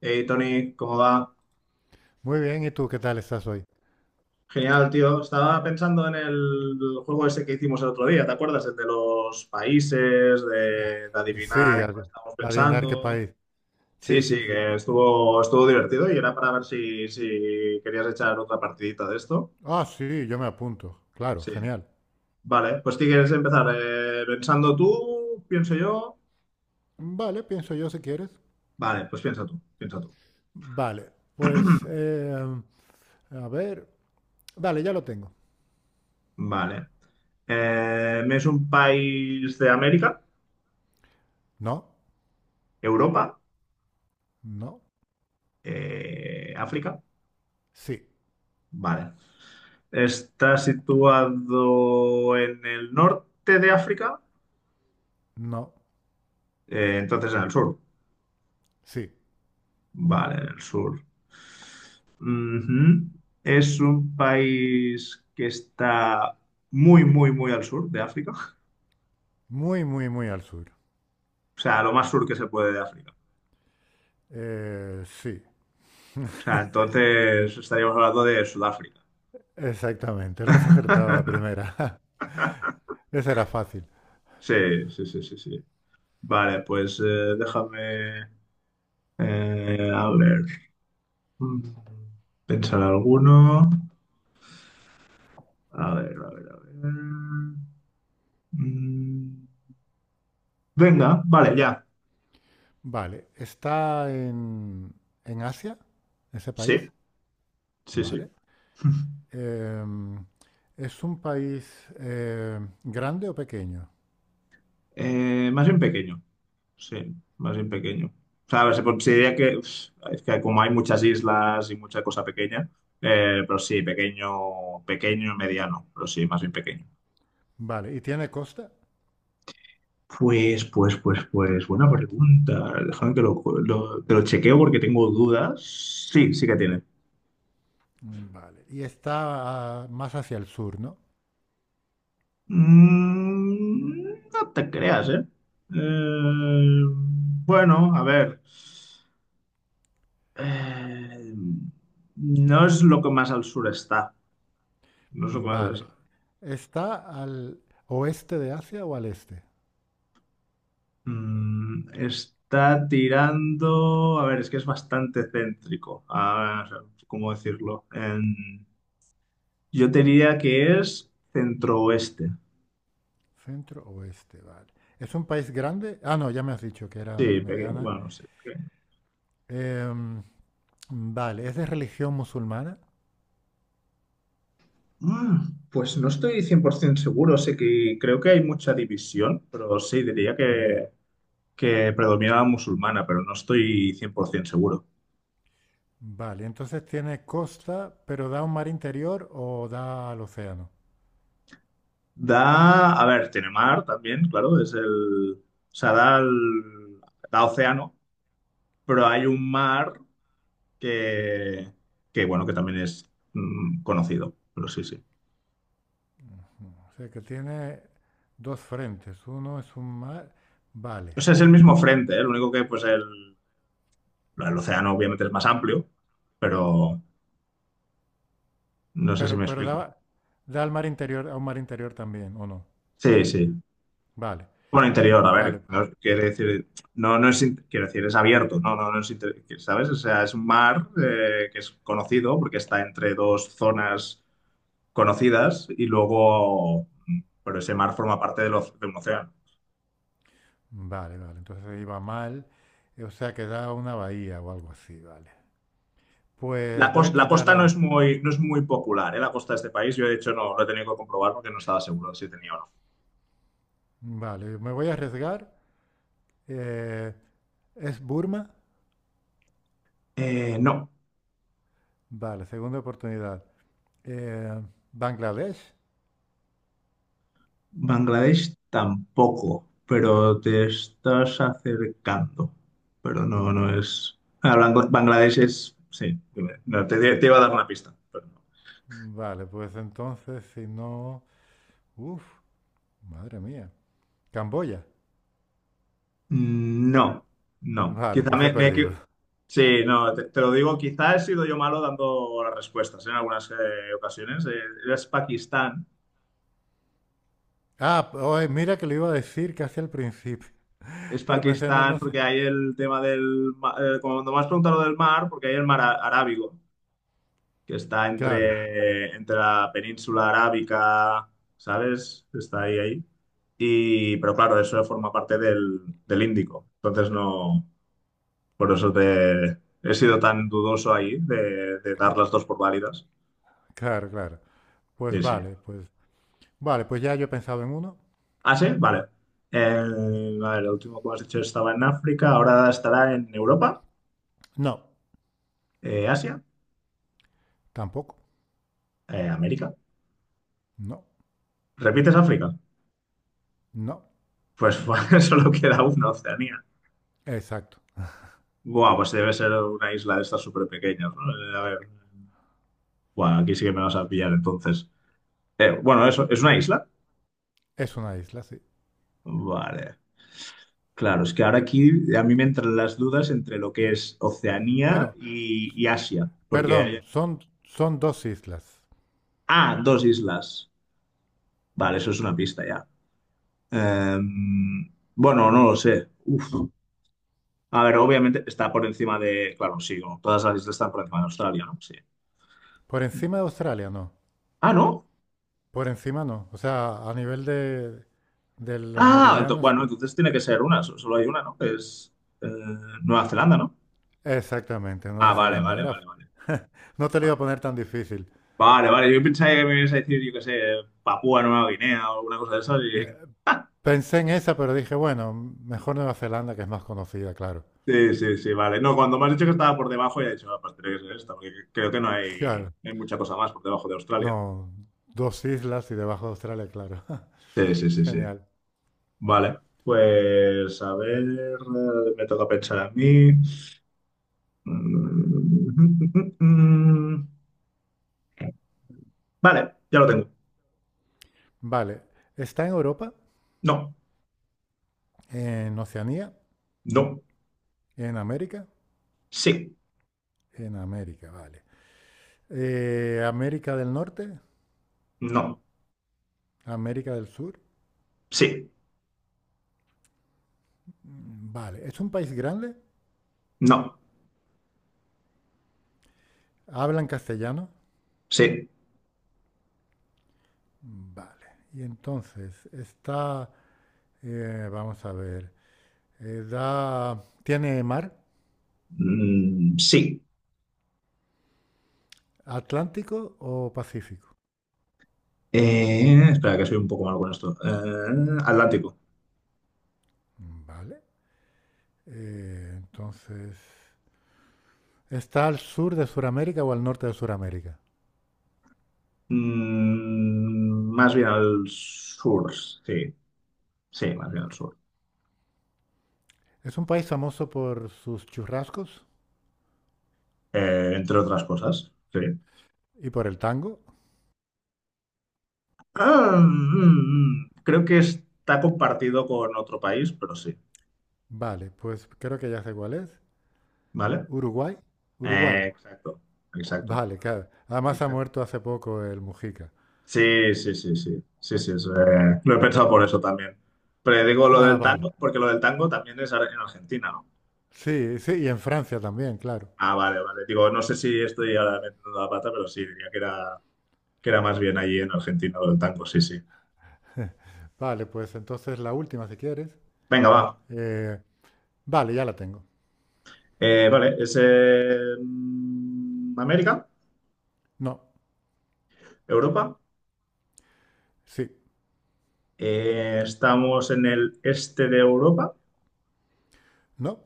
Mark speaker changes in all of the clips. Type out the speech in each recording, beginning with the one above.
Speaker 1: Hey Tony, ¿cómo va?
Speaker 2: Muy bien, ¿y tú qué tal estás hoy?
Speaker 1: Genial, tío. Estaba pensando en el juego ese que hicimos el otro día, ¿te acuerdas? El de los países, de
Speaker 2: Sí,
Speaker 1: adivinar en cuál estábamos
Speaker 2: adivinar qué país.
Speaker 1: pensando.
Speaker 2: Sí,
Speaker 1: Sí, sí,
Speaker 2: sí, sí.
Speaker 1: que estuvo divertido y era para ver si querías echar otra partidita de esto.
Speaker 2: Ah, sí, yo me apunto. Claro,
Speaker 1: Sí.
Speaker 2: genial.
Speaker 1: Vale, pues si quieres empezar? ¿Pensando tú? ¿Pienso yo?
Speaker 2: Vale, pienso yo si quieres.
Speaker 1: Vale, pues piensa tú, piensa tú.
Speaker 2: Vale, pues, a ver. Vale, ya lo tengo.
Speaker 1: Vale. ¿Es un país de América?
Speaker 2: No,
Speaker 1: ¿Europa?
Speaker 2: no,
Speaker 1: ¿África?
Speaker 2: sí,
Speaker 1: Vale. Está situado en el norte de África.
Speaker 2: no,
Speaker 1: Entonces en el sur.
Speaker 2: sí.
Speaker 1: Vale, en el sur. Ujú. Es un país que está muy, muy, muy al sur de África. O
Speaker 2: Muy, muy, muy al sur.
Speaker 1: sea, lo más sur que se puede de África.
Speaker 2: Sí,
Speaker 1: O sea, entonces estaríamos hablando de Sudáfrica.
Speaker 2: exactamente. Lo has acertado a la primera. Esa era fácil.
Speaker 1: Sí, sí, sí, sí, sí. Vale, pues déjame a ver. Mm, Pensar alguno. A ver, a ver, a ver. Mm, Venga, vale, ya.
Speaker 2: Vale, ¿está en Asia, ese
Speaker 1: Sí,
Speaker 2: país?
Speaker 1: sí, sí.
Speaker 2: Vale. Em, ¿Es un país grande o pequeño?
Speaker 1: Más bien pequeño. Sí, más bien pequeño. O sea, a ver, se considera que uf, es que como hay muchas islas y mucha cosa pequeña, pero sí, pequeño, pequeño, mediano, pero sí, más bien pequeño.
Speaker 2: Vale, ¿y tiene costa?
Speaker 1: Pues, buena pregunta. Déjame que que lo chequeo porque tengo dudas. Sí, sí que tiene.
Speaker 2: Mm, vale, y está más hacia el sur, ¿no?
Speaker 1: No te creas, ¿eh? Eh, bueno, a ver. Eh, no es lo que más al sur está. No es lo que más al sur
Speaker 2: Vale,
Speaker 1: está.
Speaker 2: ¿está al oeste de Asia o al este?
Speaker 1: Está tirando. A ver, es que es bastante céntrico. A ver, ¿cómo decirlo? Yo te diría que es centro-oeste.
Speaker 2: Centro oeste, vale. ¿Es un país grande? Ah, no, ya me has dicho que era
Speaker 1: Sí, pequeño.
Speaker 2: mediana.
Speaker 1: Bueno, sí. Ok.
Speaker 2: Em, vale, ¿es de religión musulmana?
Speaker 1: Ah, pues no estoy 100% seguro, sé que creo que hay mucha división, pero sí, diría
Speaker 2: Mm,
Speaker 1: que predomina la musulmana, pero no estoy 100% seguro.
Speaker 2: vale, entonces tiene costa, pero da un mar interior o da al océano.
Speaker 1: Da, a ver, tiene mar también, claro, es el, o sea, da, da océano, pero hay un mar que, que bueno, que también es conocido, pero sí, sí.
Speaker 2: O sea que tiene dos frentes. Uno es un mar, vale.
Speaker 1: O sea, es el mismo frente, ¿eh? Lo único que, pues, el océano obviamente es más amplio, pero no sé si me
Speaker 2: Pero da,
Speaker 1: explico.
Speaker 2: da al mar interior, a un mar interior también, ¿o no?
Speaker 1: Sí, sí.
Speaker 2: Vale,
Speaker 1: Bueno, interior, a ver,
Speaker 2: vale,
Speaker 1: no, quiere decir, no, no es, quiero decir, es abierto, no, no, no es ¿sabes? O sea, es un mar que es conocido porque está entre dos zonas conocidas y luego, pero ese mar forma parte de un océano.
Speaker 2: vale, vale. Entonces ahí va mal. O sea que da a una bahía o algo así, vale.
Speaker 1: La,
Speaker 2: Pues voy a
Speaker 1: la costa no es muy, no es muy popular, ¿eh? La costa de este país, yo de hecho no lo he tenido que comprobar porque no estaba seguro de si tenía o no.
Speaker 2: vale, me voy a arriesgar. Eh, ¿Es Burma?
Speaker 1: No.
Speaker 2: Vale, segunda oportunidad. Eh, ¿Bangladesh?
Speaker 1: Bangladesh tampoco, pero te estás acercando. Pero no, no es. Ah, Bangladesh es. Sí, dime. No, te iba a dar una pista, pero no.
Speaker 2: Vale, pues entonces si no... Uf, madre mía. ¿Camboya?
Speaker 1: No, no.
Speaker 2: Vale,
Speaker 1: Quizá
Speaker 2: pues he
Speaker 1: me,
Speaker 2: perdido.
Speaker 1: Sí, no, te lo digo, quizá he sido yo malo dando las respuestas ¿eh? En algunas ocasiones. Es Pakistán.
Speaker 2: Ah, oye, mira que lo iba a decir casi al principio,
Speaker 1: Es
Speaker 2: pero pensé, no,
Speaker 1: Pakistán
Speaker 2: no sé.
Speaker 1: porque hay el tema del... cuando me has preguntado lo del mar, porque hay el mar Arábigo. Que está
Speaker 2: Claro,
Speaker 1: entre, entre la península arábica, ¿sabes? Está ahí, ahí. Y, pero claro, eso forma parte del, del Índico. Entonces no, por eso te he sido tan dudoso ahí de
Speaker 2: sí,
Speaker 1: dar las dos por válidas.
Speaker 2: claro, claro. Pues
Speaker 1: Sí, sí.
Speaker 2: vale, pues ya yo he pensado en uno.
Speaker 1: Ah, sí, vale. El, a ver, el último que has dicho estaba en África, ahora estará en Europa,
Speaker 2: No,
Speaker 1: Asia,
Speaker 2: tampoco.
Speaker 1: América.
Speaker 2: No,
Speaker 1: ¿Repites África?
Speaker 2: no.
Speaker 1: Pues solo queda una, Oceanía.
Speaker 2: Exacto.
Speaker 1: Buah, pues debe ser una isla de estas súper pequeñas, ¿no? A ver. Buah, aquí sí que me vas a pillar entonces. Bueno, eso, ¿es una isla?
Speaker 2: Es una isla, sí.
Speaker 1: Vale. Claro, es que ahora aquí a mí me entran las dudas entre lo que es Oceanía
Speaker 2: Bueno,
Speaker 1: y Asia. Porque
Speaker 2: perdón,
Speaker 1: hay...
Speaker 2: son dos islas.
Speaker 1: Ah, dos islas. Vale, eso es una pista ya. Bueno, no lo sé. Uf. A ver, obviamente está por encima de... Claro, sí, no, todas las islas están por encima de Australia, ¿no? Sí.
Speaker 2: Por encima de Australia, no.
Speaker 1: Ah, ¿no?
Speaker 2: Por encima no. O sea, a nivel de los
Speaker 1: Ah,
Speaker 2: meridianos,
Speaker 1: bueno, entonces tiene que ser una, solo hay una, ¿no? Que es eh, Nueva Zelanda, ¿no?
Speaker 2: exactamente,
Speaker 1: Ah,
Speaker 2: Nueva
Speaker 1: vale,
Speaker 2: Zelanda.
Speaker 1: vale,
Speaker 2: Era,
Speaker 1: vale, vale.
Speaker 2: no te lo iba
Speaker 1: Vale.
Speaker 2: a poner tan difícil.
Speaker 1: Vale, vale. Yo pensaba que me ibas a decir, yo qué sé, Papúa Nueva Guinea o alguna cosa de esas. Y-
Speaker 2: Pensé en esa, pero dije, bueno, mejor Nueva Zelanda, que es más conocida, claro.
Speaker 1: sí, sí, sí, vale. No, cuando me has dicho que estaba por debajo, ya he dicho, aparte tiene que ser esta, porque creo que no hay,
Speaker 2: Claro,
Speaker 1: no hay mucha cosa más por debajo de Australia.
Speaker 2: no, dos islas y debajo de Australia, claro.
Speaker 1: Sí, sí, sí, sí.
Speaker 2: Genial.
Speaker 1: Vale. Pues a ver, me toca pensar a mí. Mm, vale, ya lo tengo.
Speaker 2: Vale, está en Europa,
Speaker 1: No,
Speaker 2: en Oceanía,
Speaker 1: no,
Speaker 2: en América,
Speaker 1: sí,
Speaker 2: en América, vale. América del Norte,
Speaker 1: no,
Speaker 2: América del Sur,
Speaker 1: sí,
Speaker 2: mm, vale. ¿Es un país grande?
Speaker 1: no,
Speaker 2: ¿Hablan castellano?
Speaker 1: sí,
Speaker 2: Vale. Y entonces, está, vamos a ver, da, ¿tiene mar,
Speaker 1: sí.
Speaker 2: Atlántico o Pacífico?
Speaker 1: Espera, que soy un poco malo con esto. Atlántico.
Speaker 2: Vale. Entonces, ¿está al sur de Sudamérica o al norte de Sudamérica?
Speaker 1: Más bien al sur, sí. Sí, más bien al sur.
Speaker 2: Es un país famoso por sus churrascos
Speaker 1: Entre otras cosas, sí.
Speaker 2: y por el tango.
Speaker 1: Ah, creo que está compartido con otro país, pero sí.
Speaker 2: Vale, pues creo que ya sé cuál es.
Speaker 1: ¿Vale?
Speaker 2: Uruguay. Uruguay.
Speaker 1: Eh, exacto,
Speaker 2: Vale, claro. Además ha
Speaker 1: exacto.
Speaker 2: muerto hace poco el Mujica.
Speaker 1: Sí, sí, sí, sí. Sí, sí, es, lo he pensado por eso también. Pero digo lo
Speaker 2: Ah,
Speaker 1: del
Speaker 2: vale.
Speaker 1: tango, porque lo del tango también es en Argentina, ¿no?
Speaker 2: Sí, sí, y en Francia también, claro.
Speaker 1: Ah, vale, vale. Digo, no sé si estoy ahora metiendo la pata, pero sí, diría que era más bien allí en Argentina lo del tango, sí, sí.
Speaker 2: Vale, pues entonces la última si quieres.
Speaker 1: Venga, va.
Speaker 2: Eh, vale, ya la tengo.
Speaker 1: Vale, es América,
Speaker 2: No,
Speaker 1: Europa.
Speaker 2: sí,
Speaker 1: Estamos en el este de Europa.
Speaker 2: no,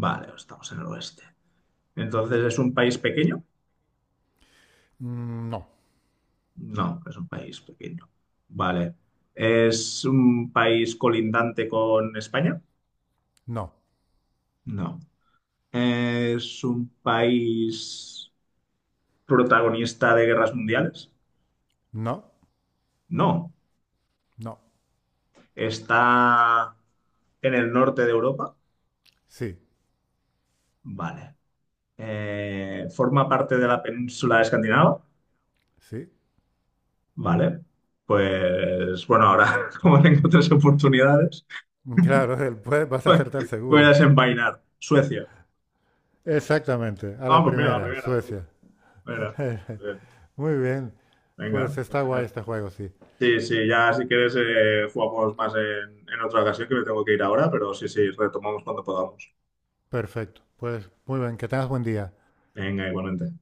Speaker 1: Vale, estamos en el oeste. Entonces, ¿es un país pequeño?
Speaker 2: mm, no,
Speaker 1: No, es un país pequeño. Vale. ¿Es un país colindante con España?
Speaker 2: no,
Speaker 1: No. ¿Es un país... protagonista de guerras mundiales?
Speaker 2: no,
Speaker 1: No.
Speaker 2: no,
Speaker 1: ¿Está en el norte de Europa?
Speaker 2: sí,
Speaker 1: Vale. ¿Forma parte de la península de Escandinava?
Speaker 2: sí.
Speaker 1: Vale. Pues bueno, ahora como tengo 3 oportunidades,
Speaker 2: Claro, pues vas a
Speaker 1: pues
Speaker 2: acertar
Speaker 1: voy a
Speaker 2: seguro.
Speaker 1: desenvainar. Suecia.
Speaker 2: Exactamente, a
Speaker 1: Ah,
Speaker 2: la
Speaker 1: pues mira, la
Speaker 2: primera,
Speaker 1: primera, tú.
Speaker 2: Suecia.
Speaker 1: Mira, eh,
Speaker 2: Muy bien,
Speaker 1: venga,
Speaker 2: pues
Speaker 1: pues
Speaker 2: está guay
Speaker 1: mira.
Speaker 2: este juego, sí.
Speaker 1: Sí, sí, ya si quieres jugamos más en otra ocasión que me tengo que ir ahora, pero sí, sí, retomamos cuando podamos.
Speaker 2: Perfecto, pues muy bien, que tengas buen día.
Speaker 1: Venga, igualmente.